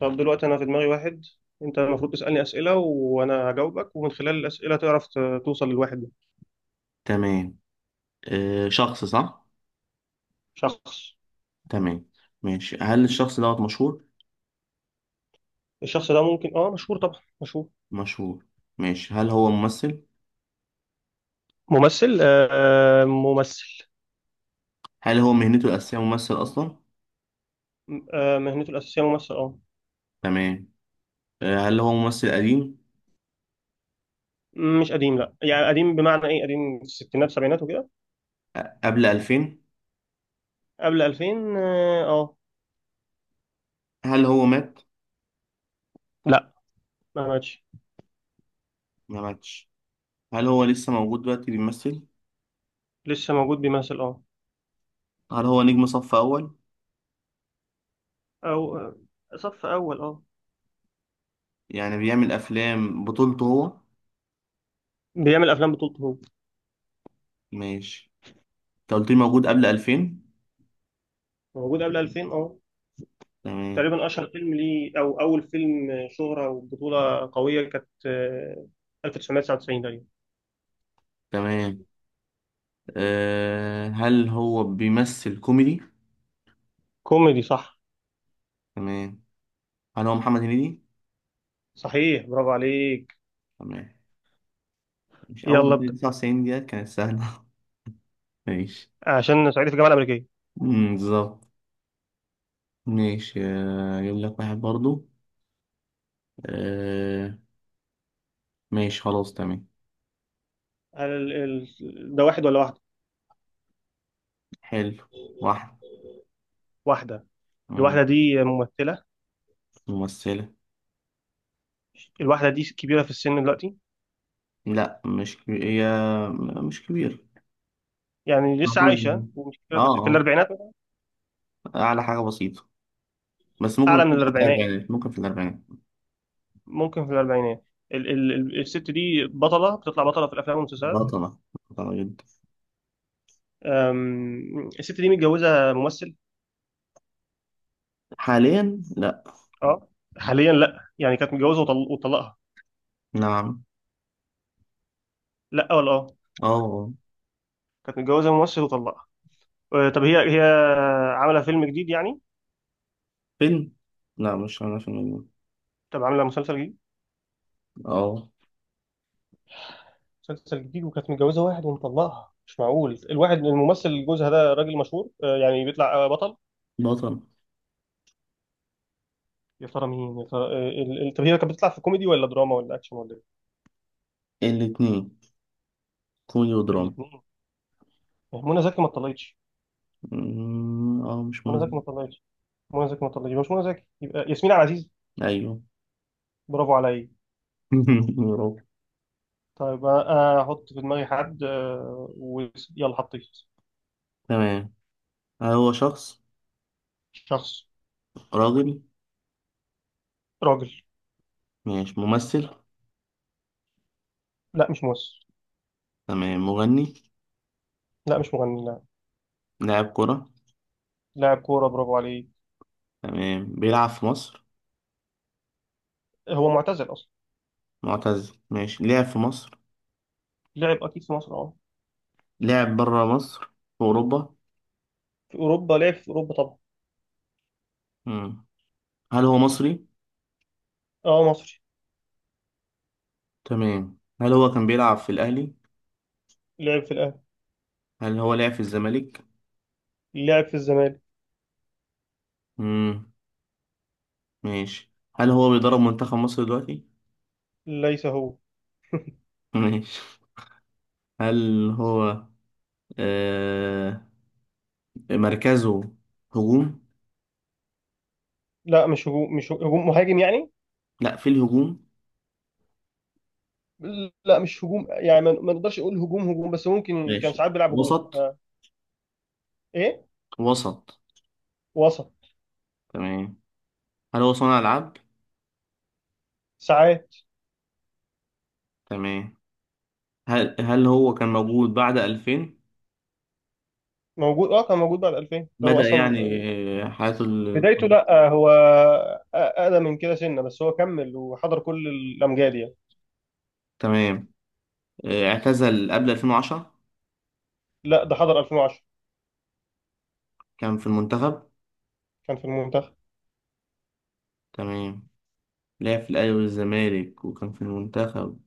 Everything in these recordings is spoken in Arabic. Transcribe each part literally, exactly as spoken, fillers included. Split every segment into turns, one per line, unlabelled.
طب دلوقتي أنا في دماغي واحد. أنت المفروض تسألني أسئلة وأنا هجاوبك، ومن خلال الأسئلة تعرف ت- توصل للواحد ده.
تمام. آه، شخص صح.
شخص.
تمام. ماشي. هل الشخص دوت مشهور؟
الشخص ده ممكن آه مشهور، طبعا مشهور.
مشهور. ماشي. هل هو ممثل؟
ممثل آه ممثل.
هل هو مهنته الأساسية ممثل أصلا؟
آه مهنته الأساسية ممثل آه
تمام. آه، هل هو ممثل قديم؟
مش قديم، لا. يعني قديم بمعنى إيه؟ قديم في الستينات سبعينات وكده.
أ- قبل ألفين؟
قبل ألفين آه آه.
هل هو مات؟
لا، ما ماتش.
ما ماتش؟ هل هو لسه موجود دلوقتي بيمثل؟
لسه موجود بيمثل آه
هل هو نجم صف أول؟
أو آه، صف أول آه
يعني بيعمل أفلام بطولته هو؟
بيعمل أفلام بطولته هو.
ماشي. أنت قلت لي موجود قبل ألفين.
موجود قبل ألفين آه
تمام.
تقريبا اشهر فيلم ليه او اول فيلم شهرة وبطولة قوية كانت آه، ألف وتسعمية وتسعة وتسعين تقريبا.
تمام. آه، هل هو بيمثل كوميدي؟
كوميدي صح.
تمام. هل هو محمد هنيدي؟
صحيح، برافو عليك.
تمام. مش أول
يلا
ما تيجي
ابدأ.
تسعة وتسعين ديت كانت سهلة. ماشي.
عشان صعيدي في الجامعة الأمريكية.
أمم، بالظبط. ماشي. آه، أجيب لك واحد برضو. آه، ماشي خلاص تمام.
هل ال- ال- ده واحد ولا واحدة؟
حلو. واحد.
واحدة.
أمم.
الواحدة دي ممثلة.
ممثلة.
الواحدة دي كبيرة في السن دلوقتي؟
لا مش كبير هي. م- مش كبير.
يعني لسه عايشة ومش
اه
كبيرة في السن، في
اه.
الأربعينات مثلاً؟
أعلى حاجة بسيطة. بس
أعلى من
ممكن في
الأربعينات.
الأربعينات، ممكن في الأربعينات.
ممكن في الأربعينات. ال ال ال- الست دي بطلة، بتطلع بطلة في الأفلام والمسلسلات.
بطلة. بطلة جدا.
أم، الست دي متجوزة ممثل.
حاليا لا.
اه. حاليا لا، يعني كانت متجوزه وطل... وطلقها.
نعم.
لا، ولا اه.
اه آه.
كانت متجوزه ممثل وطلقها. آه، طب هي هي عامله فيلم جديد يعني؟
فيلم. لا مش عاملة فيلم.
طب عامله مسلسل جديد؟
اه.
مسلسل جديد، وكانت متجوزه واحد ومطلقها. مش معقول! الواحد الممثل جوزها ده راجل مشهور آه، يعني بيطلع آه، بطل.
بطل.
يا ترى مين؟ يا ترى آه، ال- ال- طب هي كانت بتطلع في كوميدي ولا دراما ولا اكشن ولا ايه؟
الاتنين. كوميدي ودراما.
الاثنين. منى زكي ما اتطلقتش.
مم، اه مش
منى
مناسب.
زكي ما اتطلقتش. منى زكي ما اتطلقتش، يبقى مش منى زكي. يبقى ياسمين عبد العزيز.
ايوه.
برافو عليا.
برافو.
طيب، انا احط في دماغي حد آه، ويلا، حطيت.
تمام. هو شخص.
شخص.
راجل.
راجل.
ماشي ممثل.
لا، مش ممثل.
تمام مغني.
لا، مش مغني، لا.
لاعب كرة.
لاعب كورة، برافو عليه.
تمام بيلعب في مصر.
هو معتزل أصلا.
معتزل ماشي لعب في مصر.
لعب أكيد في مصر، أه.
لعب برا مصر. في أوروبا.
في أوروبا، لعب في أوروبا طبعا.
مم. هل هو مصري؟
أه، مصري.
تمام. هل هو كان بيلعب في الأهلي؟
لعب في الأهلي.
هل هو لعب في الزمالك؟
لعب في الزمالك.
مم. ماشي. هل هو بيدرب منتخب مصر دلوقتي؟
ليس هو.
ماشي. هل هو آه مركزه هجوم؟
لا، مش هجوم، مش هجوم مهاجم يعني.
لا في الهجوم.
لا مش هجوم، يعني ما ما نقدرش نقول هجوم هجوم، بس ممكن كان
ماشي
ساعات بيلعب هجوم.
وسط.
إيه؟
وسط.
وسط.
تمام. هل هو صانع ألعاب؟
ساعات.
تمام. هل هل هو كان موجود بعد ألفين؟
موجود، اه كان موجود بعد ألفين، ده هو
بدأ
اصلا
يعني.
آه،
آه، حياته ال...
بدايته لا آه، هو اقدم من كده سنه، بس هو كمل وحضر كل الامجاد يعني.
تمام. آه، اعتزل قبل ألفين وعشرة؟
لا، ده حضر ألفين وعشرة.
كان في المنتخب.
كان في المنتخب.
تمام. لعب في الأهلي والزمالك وكان في المنتخب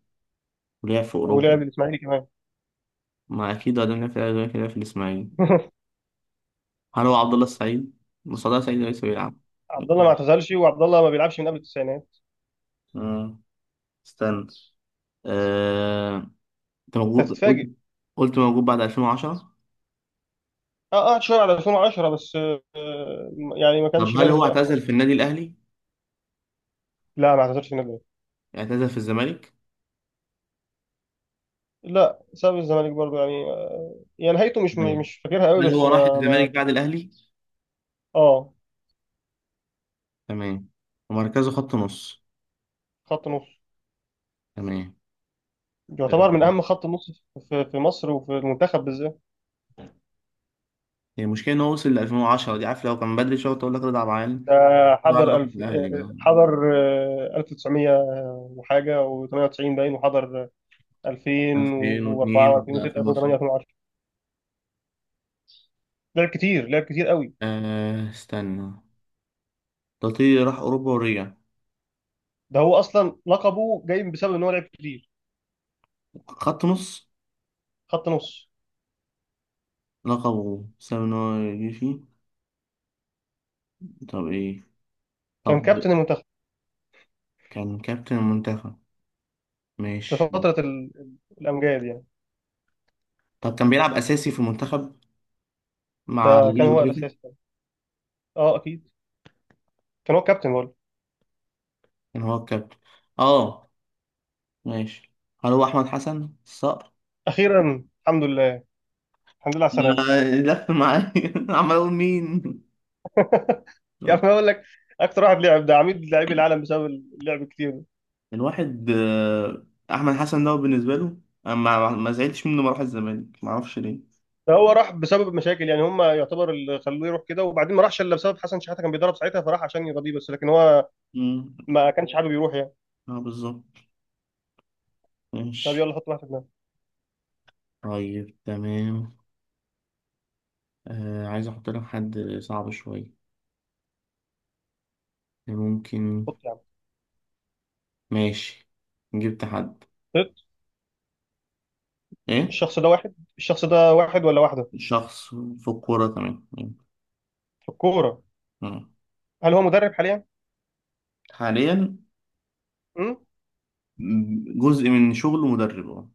ولعب في أوروبا.
ولعب الاسماعيلي كمان.
ما أكيد قدم لعب في الأهلي والزمالك لعب في الإسماعيلي. هل هو عبد الله السعيد؟ مصطفى سعيد لسه بيلعب.
عبد الله ما اعتزلش، وعبد الله ما بيلعبش من قبل التسعينات.
آه، استنى. انت
انت
موجود قلت
هتتفاجئ.
قلت موجود بعد ألفين وعشرة.
اه، قعد شويه على ألفين وعشرة بس آه يعني ما
طب
كانش
هل
بارز
هو
بقى،
اعتزل في
خلاص.
النادي الاهلي؟
لا، ما اعتزلش من قبل.
اعتزل في الزمالك.
لا، ساب الزمالك برضه، يعني آه يعني نهايته مش
تمام.
مش فاكرها قوي،
هل
بس
هو راح
ما,
الزمالك
ما
بعد الاهلي؟
اه.
تمام. ومركزه خط نص.
خط نص.
تمام.
يعتبر من
آه،
اهم خط النص في, في مصر وفي المنتخب بالذات.
هي المشكله ان هو وصل ل ألفين وعشرة دي عارف لو كان بدري شويه تقول لك رضا عبد العال.
ده
رضا عبد العال
حضر
راح
الف آه، آه،
الاهلي.
حضر آه، ألف وتسعمية وحاجه و98 باين، وحضر ألفين وأربعة
ألفين واتنين
و2006
لا ألفين وعشرين.
ألفين وتمانية. لعب كتير، لعب كتير قوي.
آه استنى. تطير راح اوروبا ورجع.
ده هو اصلا لقبه جاي بسبب ان هو لعب كتير.
خط نص.
خط نص.
لقبه بسبب ان هو يجي فيه. طب ايه.
كان
طب
كابتن المنتخب.
كان كابتن المنتخب.
في
ماشي.
فتره ال... الامجاد يعني.
طب كان بيلعب اساسي في المنتخب مع
ده
جيل
كان
ابو
هو
تريكه.
الاساس. اه، اكيد. كان هو كابتن برضه.
كان هو الكابتن. اه. ماشي. هل هو احمد حسن الصقر؟
اخيرا الحمد لله. الحمد لله على السلامه.
لا، لف معايا. عمال اقول مين.
يعني انا اقول لك، اكتر واحد لعب، ده عميد لاعبي العالم بسبب اللعب الكتير ده.
الواحد آه، احمد حسن ده بالنسبه له أنا ما ما زعلتش منه ما راح الزمالك ما اعرفش ليه.
فهو راح بسبب مشاكل يعني هم، يعتبر اللي خلوه يروح كده، وبعدين ما راحش الا بسبب حسن شحاته كان بيدرب ساعتها، فراح عشان يرضيه، بس لكن هو
امم
ما كانش حابب يروح يعني.
اه بالظبط.
طب
ماشي.
يلا حط واحد في دماغك.
طيب تمام. آه عايز احط لك حد صعب شويه. ممكن.
حط يا عم.
ماشي جبت حد.
حط.
ايه.
الشخص ده واحد الشخص ده واحد ولا واحده؟
شخص في الكوره. تمام.
في الكورة.
مم.
هل هو مدرب حاليا؟
حاليا.
مم؟
م- جزء من شغله مدرب اه.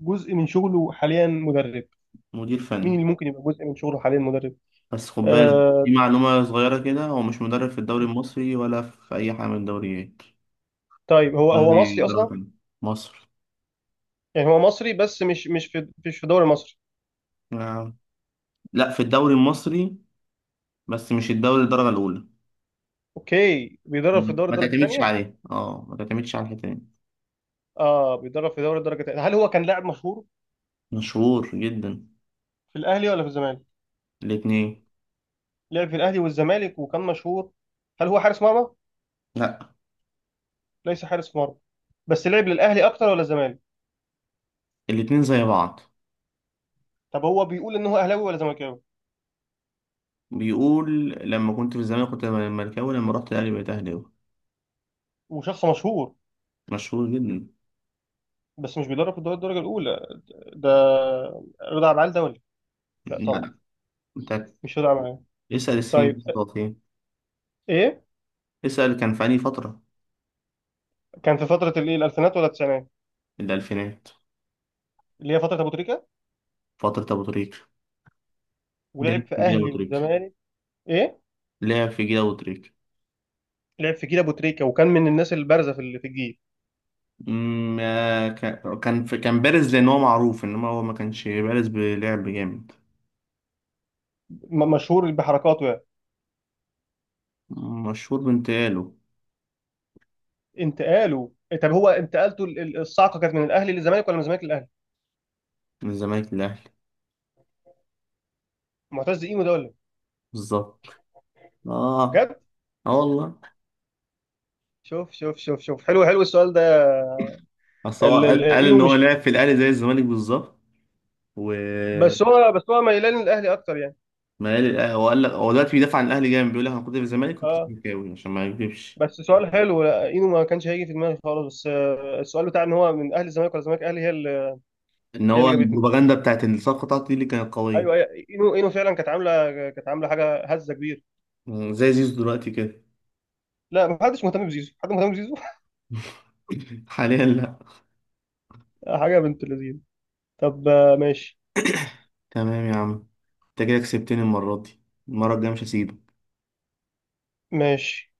جزء من شغله حاليا مدرب.
مدير
مين
فني.
اللي ممكن يبقى جزء من شغله حاليا مدرب؟
بس خد بالك دي
آه.
معلومة صغيرة كده هو مش مدرب في الدوري المصري ولا في أي حاجة من الدوريات.
طيب، هو هو
دوري
مصري
درجة
أصلا؟
تانية. مصر.
يعني هو مصري، بس مش مش في، مش في الدوري المصري.
آه. لا في الدوري المصري بس مش الدوري الدرجة الأولى.
أوكي، بيدرب في الدوري
ما
الدرجة
تعتمدش
الثانية؟
عليه اه ما تعتمدش على الحتة دي.
اه بيدرب في دوري الدرجة الثانية. هل هو كان لاعب مشهور
مشهور جدا.
في الأهلي ولا في الزمالك؟
الاتنين.
لعب في الأهلي والزمالك وكان مشهور. هل هو حارس مرمى؟
لا.
ليس حارس مرمى. بس لعب للأهلي أكتر ولا الزمالك؟
الاتنين زي بعض.
طب هو بيقول إن هو أهلاوي ولا زملكاوي؟
بيقول لما كنت في الزمالك كنت مركاوي لما رحت الأهلي بقيت أهلاوي.
وشخص مشهور.
مشهور جدا.
بس مش بيدرب في الدوري الدرجة الأولى. ده رضا عبد العال دولي؟ لا
لا
طبعا.
لا. انت
مش رضا عبد العال.
اسأل السنين
طيب،
بتاعته فين.
ايه؟
اسأل كان في أي فترة.
كان في فتره الايه، الالفينات ولا التسعينات؟
الألفينات.
اللي هي فتره ابو تريكه.
فترة أبو تريكة.
ولعب
لعب
في
في جيل أبو
اهلي
تريكة.
وزمالك. ايه؟
لعب في جيل أبو تريكة.
لعب في جيل ابو تريكه وكان من الناس البارزه في ال- في الجيل.
أمم، آه، كان كان في- كان بارز لأن هو معروف إنما هو ما كانش بارز بلعب جامد.
م- مشهور بحركاته يعني.
مشهور بانتقاله.
انتقاله. طب هو انتقالته ال- ال- الصعقه كانت من الاهلي للزمالك ولا من الزمالك للاهلي؟
من الزمالك للأهلي.
معتز اينو ده ولا إيه؟
بالظبط. آه.
بجد؟
آه والله.
شوف شوف شوف شوف، حلو حلو السؤال ده.
أصل هو
ال- ال-
قال قال إن
اينو
هو
مش،
لعب في الأهلي زي الزمالك بالظبط. و
بس هو بس هو ميلان للاهلي اكتر يعني.
ما قال هو قال لك هو دلوقتي بيدافع عن الأهلي جامد بيقول لك أنا كنت في الزمالك كنت
اه،
زملكاوي عشان ما يكذبش.
بس سؤال حلو. لا، اينو ما كانش هيجي في دماغي خالص، بس آه، السؤال بتاع ان هو من اهل الزمالك ولا الزمالك اهلي، هي اللي
ان
هي
هو
اللي جابتني.
البروباغندا بتاعت إن الصفقه بتاعته دي اللي كانت قويه.
ايوه، أيوة، اينو اينو فعلا كانت عامله، كانت عامله حاجه، هزه كبير.
زي زيزو دلوقتي كده.
لا، ما حدش مهتم بزيزو، حد مهتم بزيزو.
حاليا لا.
حاجه بنت لذين. طب آه، ماشي.
تمام يا عم. انت كده كسبتني المره دي. المره الجايه مش هسيبك.
ماشي.